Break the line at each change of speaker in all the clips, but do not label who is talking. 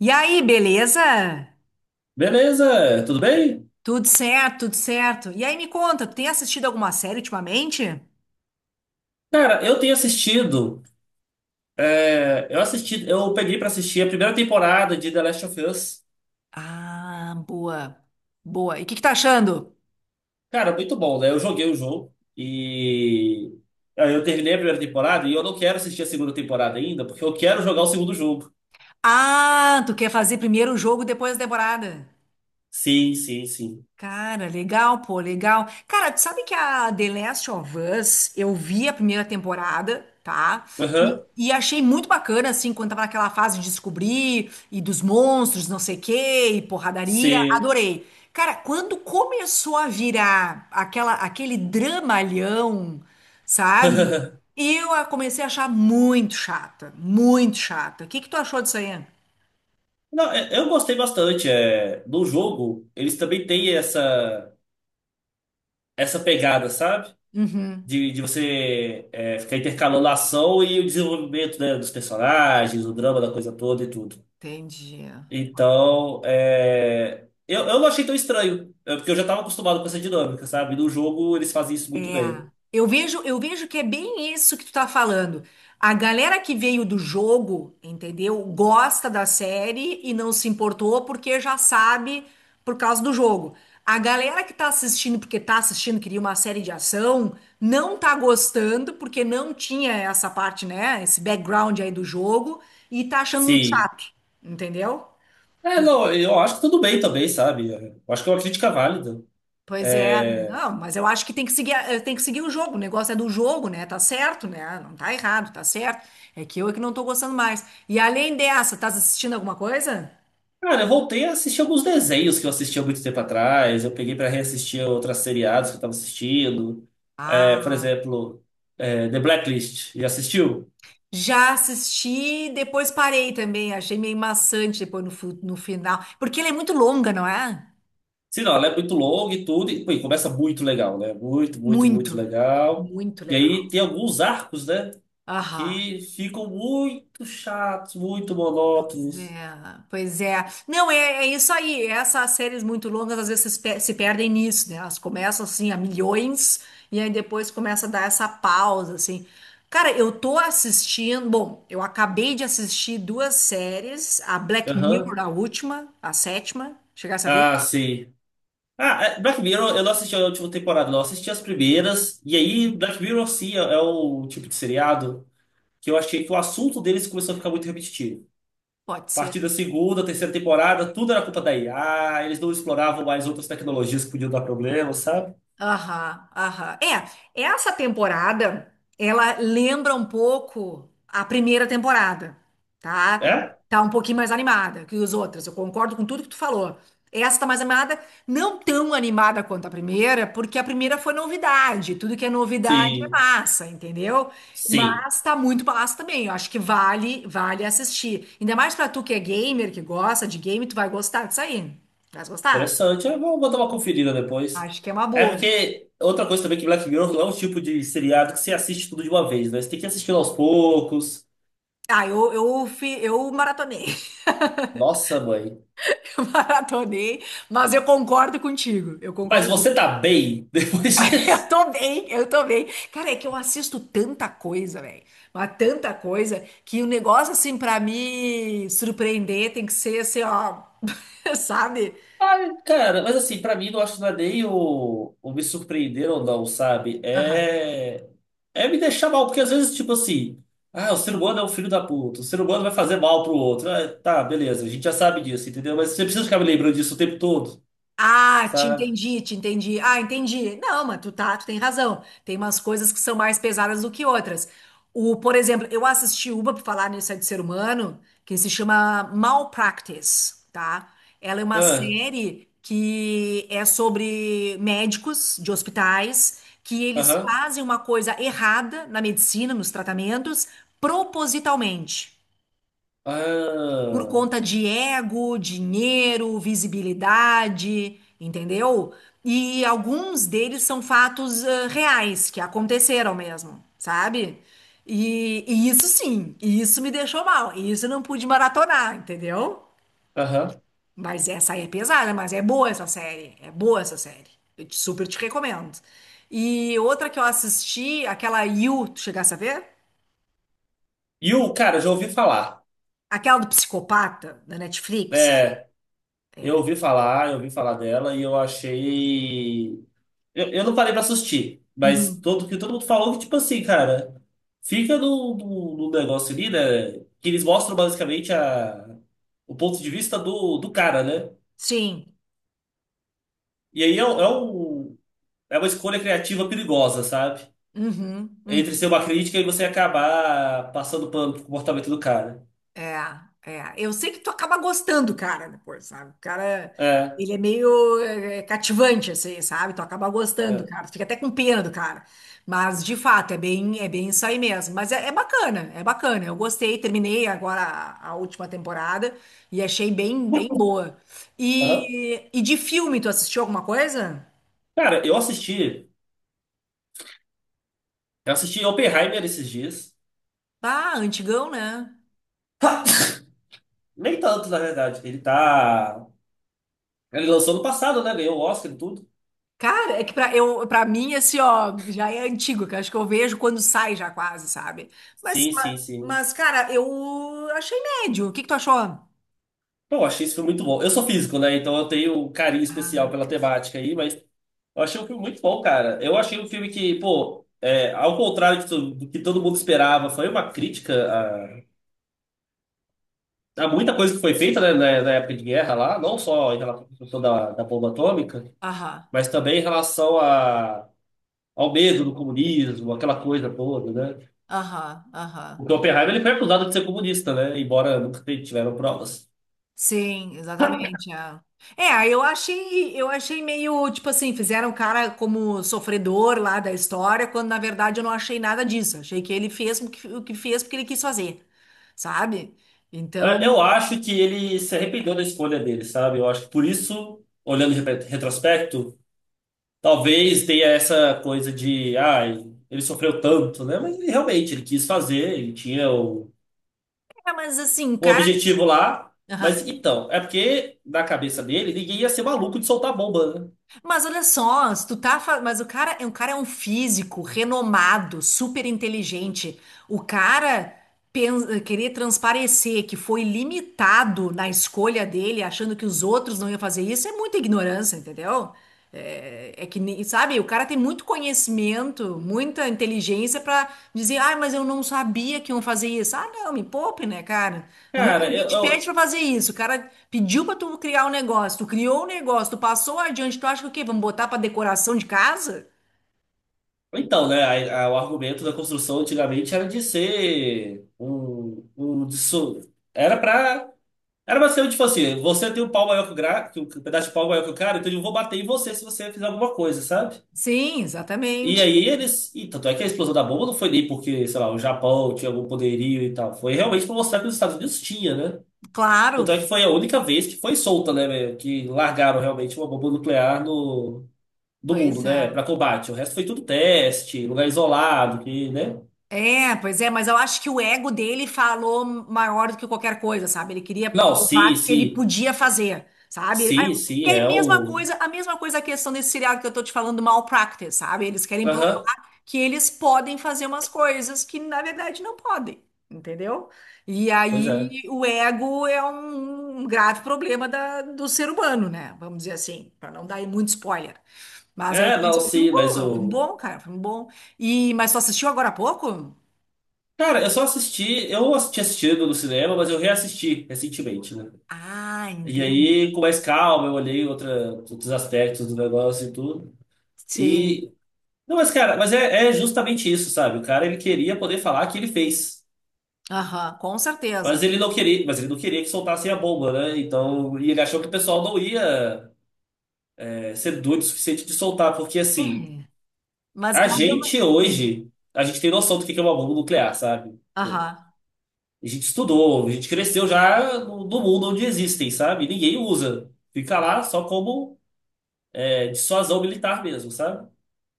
E aí, beleza?
Beleza, tudo bem?
Tudo certo, tudo certo. E aí, me conta, tu tem assistido alguma série ultimamente?
Cara, eu tenho assistido. Eu peguei pra assistir a primeira temporada de The Last of Us.
Ah, boa. Boa. E o que que tá achando?
Cara, muito bom, né? Eu joguei o jogo e aí eu terminei a primeira temporada e eu não quero assistir a segunda temporada ainda, porque eu quero jogar o segundo jogo.
Ah, tu quer fazer primeiro o jogo, depois a temporada.
Sim, sim, sim.
Cara, legal, pô, legal. Cara, tu sabe que a The Last of Us, eu vi a primeira temporada, tá? E,
Aham.
e achei muito bacana, assim, quando tava naquela fase de descobrir, e dos monstros, não sei o quê, e porradaria,
Sim.
adorei. Cara, quando começou a virar aquele dramalhão, sabe? Eu a comecei a achar muito chata, muito chata. O que que tu achou disso aí?
Não, eu gostei bastante. É, no jogo, eles também têm essa pegada, sabe?
Uhum,
De você ficar intercalando a ação e o desenvolvimento, né, dos personagens, o drama da coisa toda e tudo.
entendi.
Então, eu não achei tão estranho, porque eu já estava acostumado com essa dinâmica, sabe? No jogo eles fazem isso muito
É,
bem.
eu vejo que é bem isso que tu tá falando. A galera que veio do jogo, entendeu? Gosta da série e não se importou porque já sabe por causa do jogo. A galera que tá assistindo porque tá assistindo, queria uma série de ação, não tá gostando porque não tinha essa parte, né? Esse background aí do jogo e tá achando muito
Sim.
chato, entendeu?
É, não, eu acho que tudo bem também, sabe? É, eu acho que é uma crítica válida.
Pois é,
É,
não, mas eu acho que tem que seguir, tem que seguir o jogo. O negócio é do jogo, né? Tá certo, né? Não tá errado, tá certo. É que eu é que não tô gostando mais. E além dessa, tá assistindo alguma coisa?
cara, eu voltei a assistir alguns desenhos que eu assistia muito tempo atrás. Eu peguei para reassistir outras seriados que eu estava assistindo. É, por
Ah,
exemplo, The Blacklist. Já assistiu?
já assisti, depois parei também. Achei meio maçante depois no final. Porque ela é muito longa, não é?
Sim, não, ela é muito longa e tudo. E, pô, e começa muito legal, né? Muito, muito, muito
Muito,
legal.
muito
E
legal.
aí tem alguns arcos, né?
Aham.
Que ficam muito chatos, muito monótonos.
É, pois é. Não, é, é isso aí. Essas séries muito longas às vezes se perdem nisso, né? Elas começam assim a milhões e aí depois começa a dar essa pausa, assim. Cara, eu tô assistindo. Bom, eu acabei de assistir duas séries, a Black
Aham.
Mirror, a última, a sétima. Chegasse a ver?
Ah, sim. Ah, Black Mirror, eu não assisti a última temporada, não. Eu assisti as primeiras. E aí, Black Mirror, sim, é o tipo de seriado que eu achei que o assunto deles começou a ficar muito repetitivo.
Pode
A
ser.
partir da segunda, terceira temporada, tudo era culpa da IA. Eles não exploravam mais outras tecnologias que podiam dar problema, sabe?
Aham, aham. É, essa temporada, ela lembra um pouco a primeira temporada, tá?
É?
Tá um pouquinho mais animada que os outras. Eu concordo com tudo que tu falou. Essa tá mais animada, não tão animada quanto a primeira, porque a primeira foi novidade. Tudo que é novidade é
Sim.
massa, entendeu?
Sim,
Mas tá muito massa também. Eu acho que vale, vale assistir. Ainda mais pra tu que é gamer, que gosta de game, tu vai gostar disso aí. Vai gostar?
interessante. Eu vou dar uma conferida depois.
Acho que é uma
É
boa.
porque outra coisa também que Black Mirror não é um tipo de seriado que você assiste tudo de uma vez, né? Você tem que assistir aos poucos.
Ah, eu maratonei,
Nossa, mãe.
eu maratonei, mas eu concordo contigo, eu
Mas
concordo,
você tá bem depois disso?
eu tô bem, eu tô bem. Cara, é que eu assisto tanta coisa, velho, mas tanta coisa, que o negócio, assim, pra me surpreender tem que ser, assim, ó, sabe?
Cara, mas assim, pra mim, não acho que não é nem o me surpreender ou não, sabe?
Aham.
É, é me deixar mal, porque às vezes, tipo assim, ah, o ser humano é um filho da puta, o ser humano vai fazer mal pro outro. Ah, tá, beleza, a gente já sabe disso, entendeu? Mas você precisa ficar me lembrando disso o tempo todo,
Ah, te
sabe?
entendi, te entendi. Ah, entendi. Não, mas tu tem razão. Tem umas coisas que são mais pesadas do que outras. O, por exemplo, eu assisti uma, por falar nisso é de ser humano, que se chama Malpractice, tá? Ela é uma
Ah,
série que é sobre médicos de hospitais que eles
aham.
fazem uma coisa errada na medicina, nos tratamentos, propositalmente por
Ah,
conta de ego, dinheiro, visibilidade, entendeu? E alguns deles são fatos reais, que aconteceram mesmo, sabe? E isso sim, e isso me deixou mal, e isso eu não pude maratonar, entendeu?
aham.
Mas essa aí é pesada, mas é boa essa série, é boa essa série. Eu super te recomendo. E outra que eu assisti, aquela You, tu chegasse a ver?
E o cara, eu já ouvi falar.
Aquela do psicopata, da Netflix.
É, eu ouvi falar dela e eu achei. Eu não parei pra assistir, mas
Uhum.
todo mundo falou que, tipo assim, cara, fica no negócio ali, né? Que eles mostram basicamente o ponto de vista do cara, né?
Sim.
E aí é uma escolha criativa perigosa, sabe?
Uhum,
Entre
uhum.
ser uma crítica e você acabar passando pano pro comportamento do cara.
É, é. Eu sei que tu acaba gostando, do cara, depois, sabe? O cara,
É.
ele é meio é cativante, assim, sabe? Tu acaba gostando, do
É.
cara. Tu fica até com pena do cara. Mas, de fato, é bem isso aí mesmo. Mas é, é bacana, é bacana. Eu gostei, terminei agora a última temporada e achei bem, bem boa.
Aham.
E de filme, tu assistiu alguma coisa?
Cara, eu assisti Oppenheimer esses dias.
Ah, antigão, né?
Nem tanto, na verdade. Ele tá. Ele lançou no passado, né? Ganhou o Oscar e tudo.
Cara, é que pra, eu, pra mim, assim, ó, já é antigo, que eu acho que eu vejo quando sai já quase, sabe? Mas,
Sim, sim, sim.
mas, cara, eu achei médio. O que que tu achou?
Pô, eu achei esse filme muito bom. Eu sou físico, né? Então eu tenho um carinho especial
Ah,
pela temática aí, mas eu achei um filme muito bom, cara. Eu achei um filme que, pô, ao contrário do que todo mundo esperava, foi uma crítica a muita coisa que foi feita, né, na época de guerra lá, não só em relação à questão da bomba atômica,
aham,
mas também em relação a ao medo do comunismo, aquela coisa toda, né?
aham, aham.
Porque o Oppenheimer ele foi acusado de ser comunista, né? Embora nunca tiveram provas.
Sim, exatamente. É, É, eu achei meio, tipo assim, fizeram o cara como sofredor lá da história, quando na verdade eu não achei nada disso. Achei que ele fez o que fez porque ele quis fazer, sabe? Então,
É, eu acho que ele se arrependeu da escolha dele, sabe? Eu acho que por isso, olhando em retrospecto, talvez tenha essa coisa de, ah, ele sofreu tanto, né? Mas ele, realmente ele quis fazer, ele tinha o,
é, mas assim, o
o objetivo lá. Mas
cara.
então, é porque na cabeça dele, ninguém ia ser maluco de soltar bomba, né?
Mas olha só, se mas o cara é um físico renomado, super inteligente. O cara querer transparecer que foi limitado na escolha dele, achando que os outros não iam fazer isso, é muita ignorância, entendeu? É, é que nem, sabe, o cara tem muito conhecimento, muita inteligência pra dizer, ah, mas eu não sabia que iam fazer isso. Ah, não, me poupe, né, cara? No momento que
Cara,
alguém
eu,
te pede
eu-
para fazer isso, o cara pediu para tu criar um negócio, tu criou um negócio, tu passou adiante, tu acha que o quê? Vamos botar para decoração de casa?
Então, né, o argumento da construção antigamente era de ser era pra era pra ser tipo assim, você tem um pau maior que um pedaço de pau maior que o cara, então eu vou bater em você se você fizer alguma coisa, sabe?
Sim,
E
exatamente.
aí eles, e tanto é que a explosão da bomba não foi nem porque, sei lá, o Japão tinha algum poderio e tal, foi realmente pra mostrar que os Estados Unidos tinha, né? Tanto
Claro.
é que foi a única vez que foi solta, né, velho, que largaram realmente uma bomba nuclear no do mundo,
Pois é.
né, pra combate. O resto foi tudo teste, lugar isolado, que, né?
É, pois é, mas eu acho que o ego dele falou maior do que qualquer coisa, sabe? Ele queria
Não, se,
provar que ele
se,
podia fazer, sabe?
se, se
Que é a
é
mesma
o.
coisa, a mesma coisa a questão desse seriado que eu tô te falando, Malpractice, sabe? Eles querem provar
Aham,
que eles podem fazer umas coisas que na verdade não podem, entendeu? E
pois é.
aí o ego é um grave problema do ser humano, né? Vamos dizer assim, para não dar muito spoiler. Mas é, é
É,
um
não,
filme
sim, mas
bom, é um filme
o.
bom, cara, é um filme bom. E, mas tu assistiu agora há pouco?
Cara, eu só assisti, eu tinha assistido no cinema, mas eu reassisti recentemente, né?
Ah,
E
entendi.
aí, com mais calma, eu olhei outros aspectos do negócio e tudo.
Sim.
E. Não, mas, cara, mas é justamente isso, sabe? O cara, ele queria poder falar que ele fez.
Aham, com
Mas
certeza.
ele não queria, mas ele não queria que soltassem a bomba, né? Então, e ele achou que o pessoal não ia, ser doido o suficiente de soltar, porque assim.
É.
A
Mas eu...
gente
Hum.
hoje, a gente tem noção do que é uma bomba nuclear, sabe?
Aham.
A gente estudou, a gente cresceu já no mundo onde existem, sabe? Ninguém usa. Fica lá só como dissuasão militar mesmo, sabe?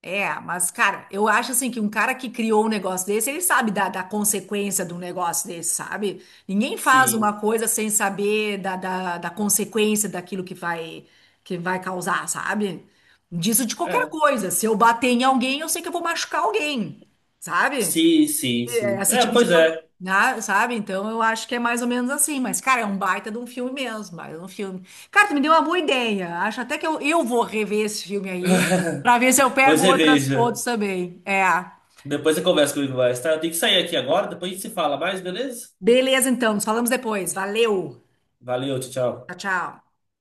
É, mas, cara, eu acho assim que um cara que criou um negócio desse, ele sabe da, da consequência de um negócio desse, sabe? Ninguém faz uma
Sim.
coisa sem saber da, da, da consequência daquilo que vai causar, sabe? Disso de qualquer
É.
coisa. Se eu bater em alguém, eu sei que eu vou machucar alguém, sabe?
Sim, sim, sim.
Esse
É,
tipo de
pois
coisa,
é.
né, sabe? Então eu acho que é mais ou menos assim. Mas, cara, é um baita de um filme mesmo, baita de um filme. Cara, tu me deu uma boa ideia. Acho até que eu vou rever esse filme aí pra ver se eu
Pois
pego
é,
outras
veja.
fotos também. É.
Depois você conversa comigo mais, tá? Eu tenho que sair aqui agora, depois a gente se fala mais, beleza?
Beleza, então. Nos falamos depois. Valeu.
Valeu, tchau,
Tchau,
tchau.
tchau.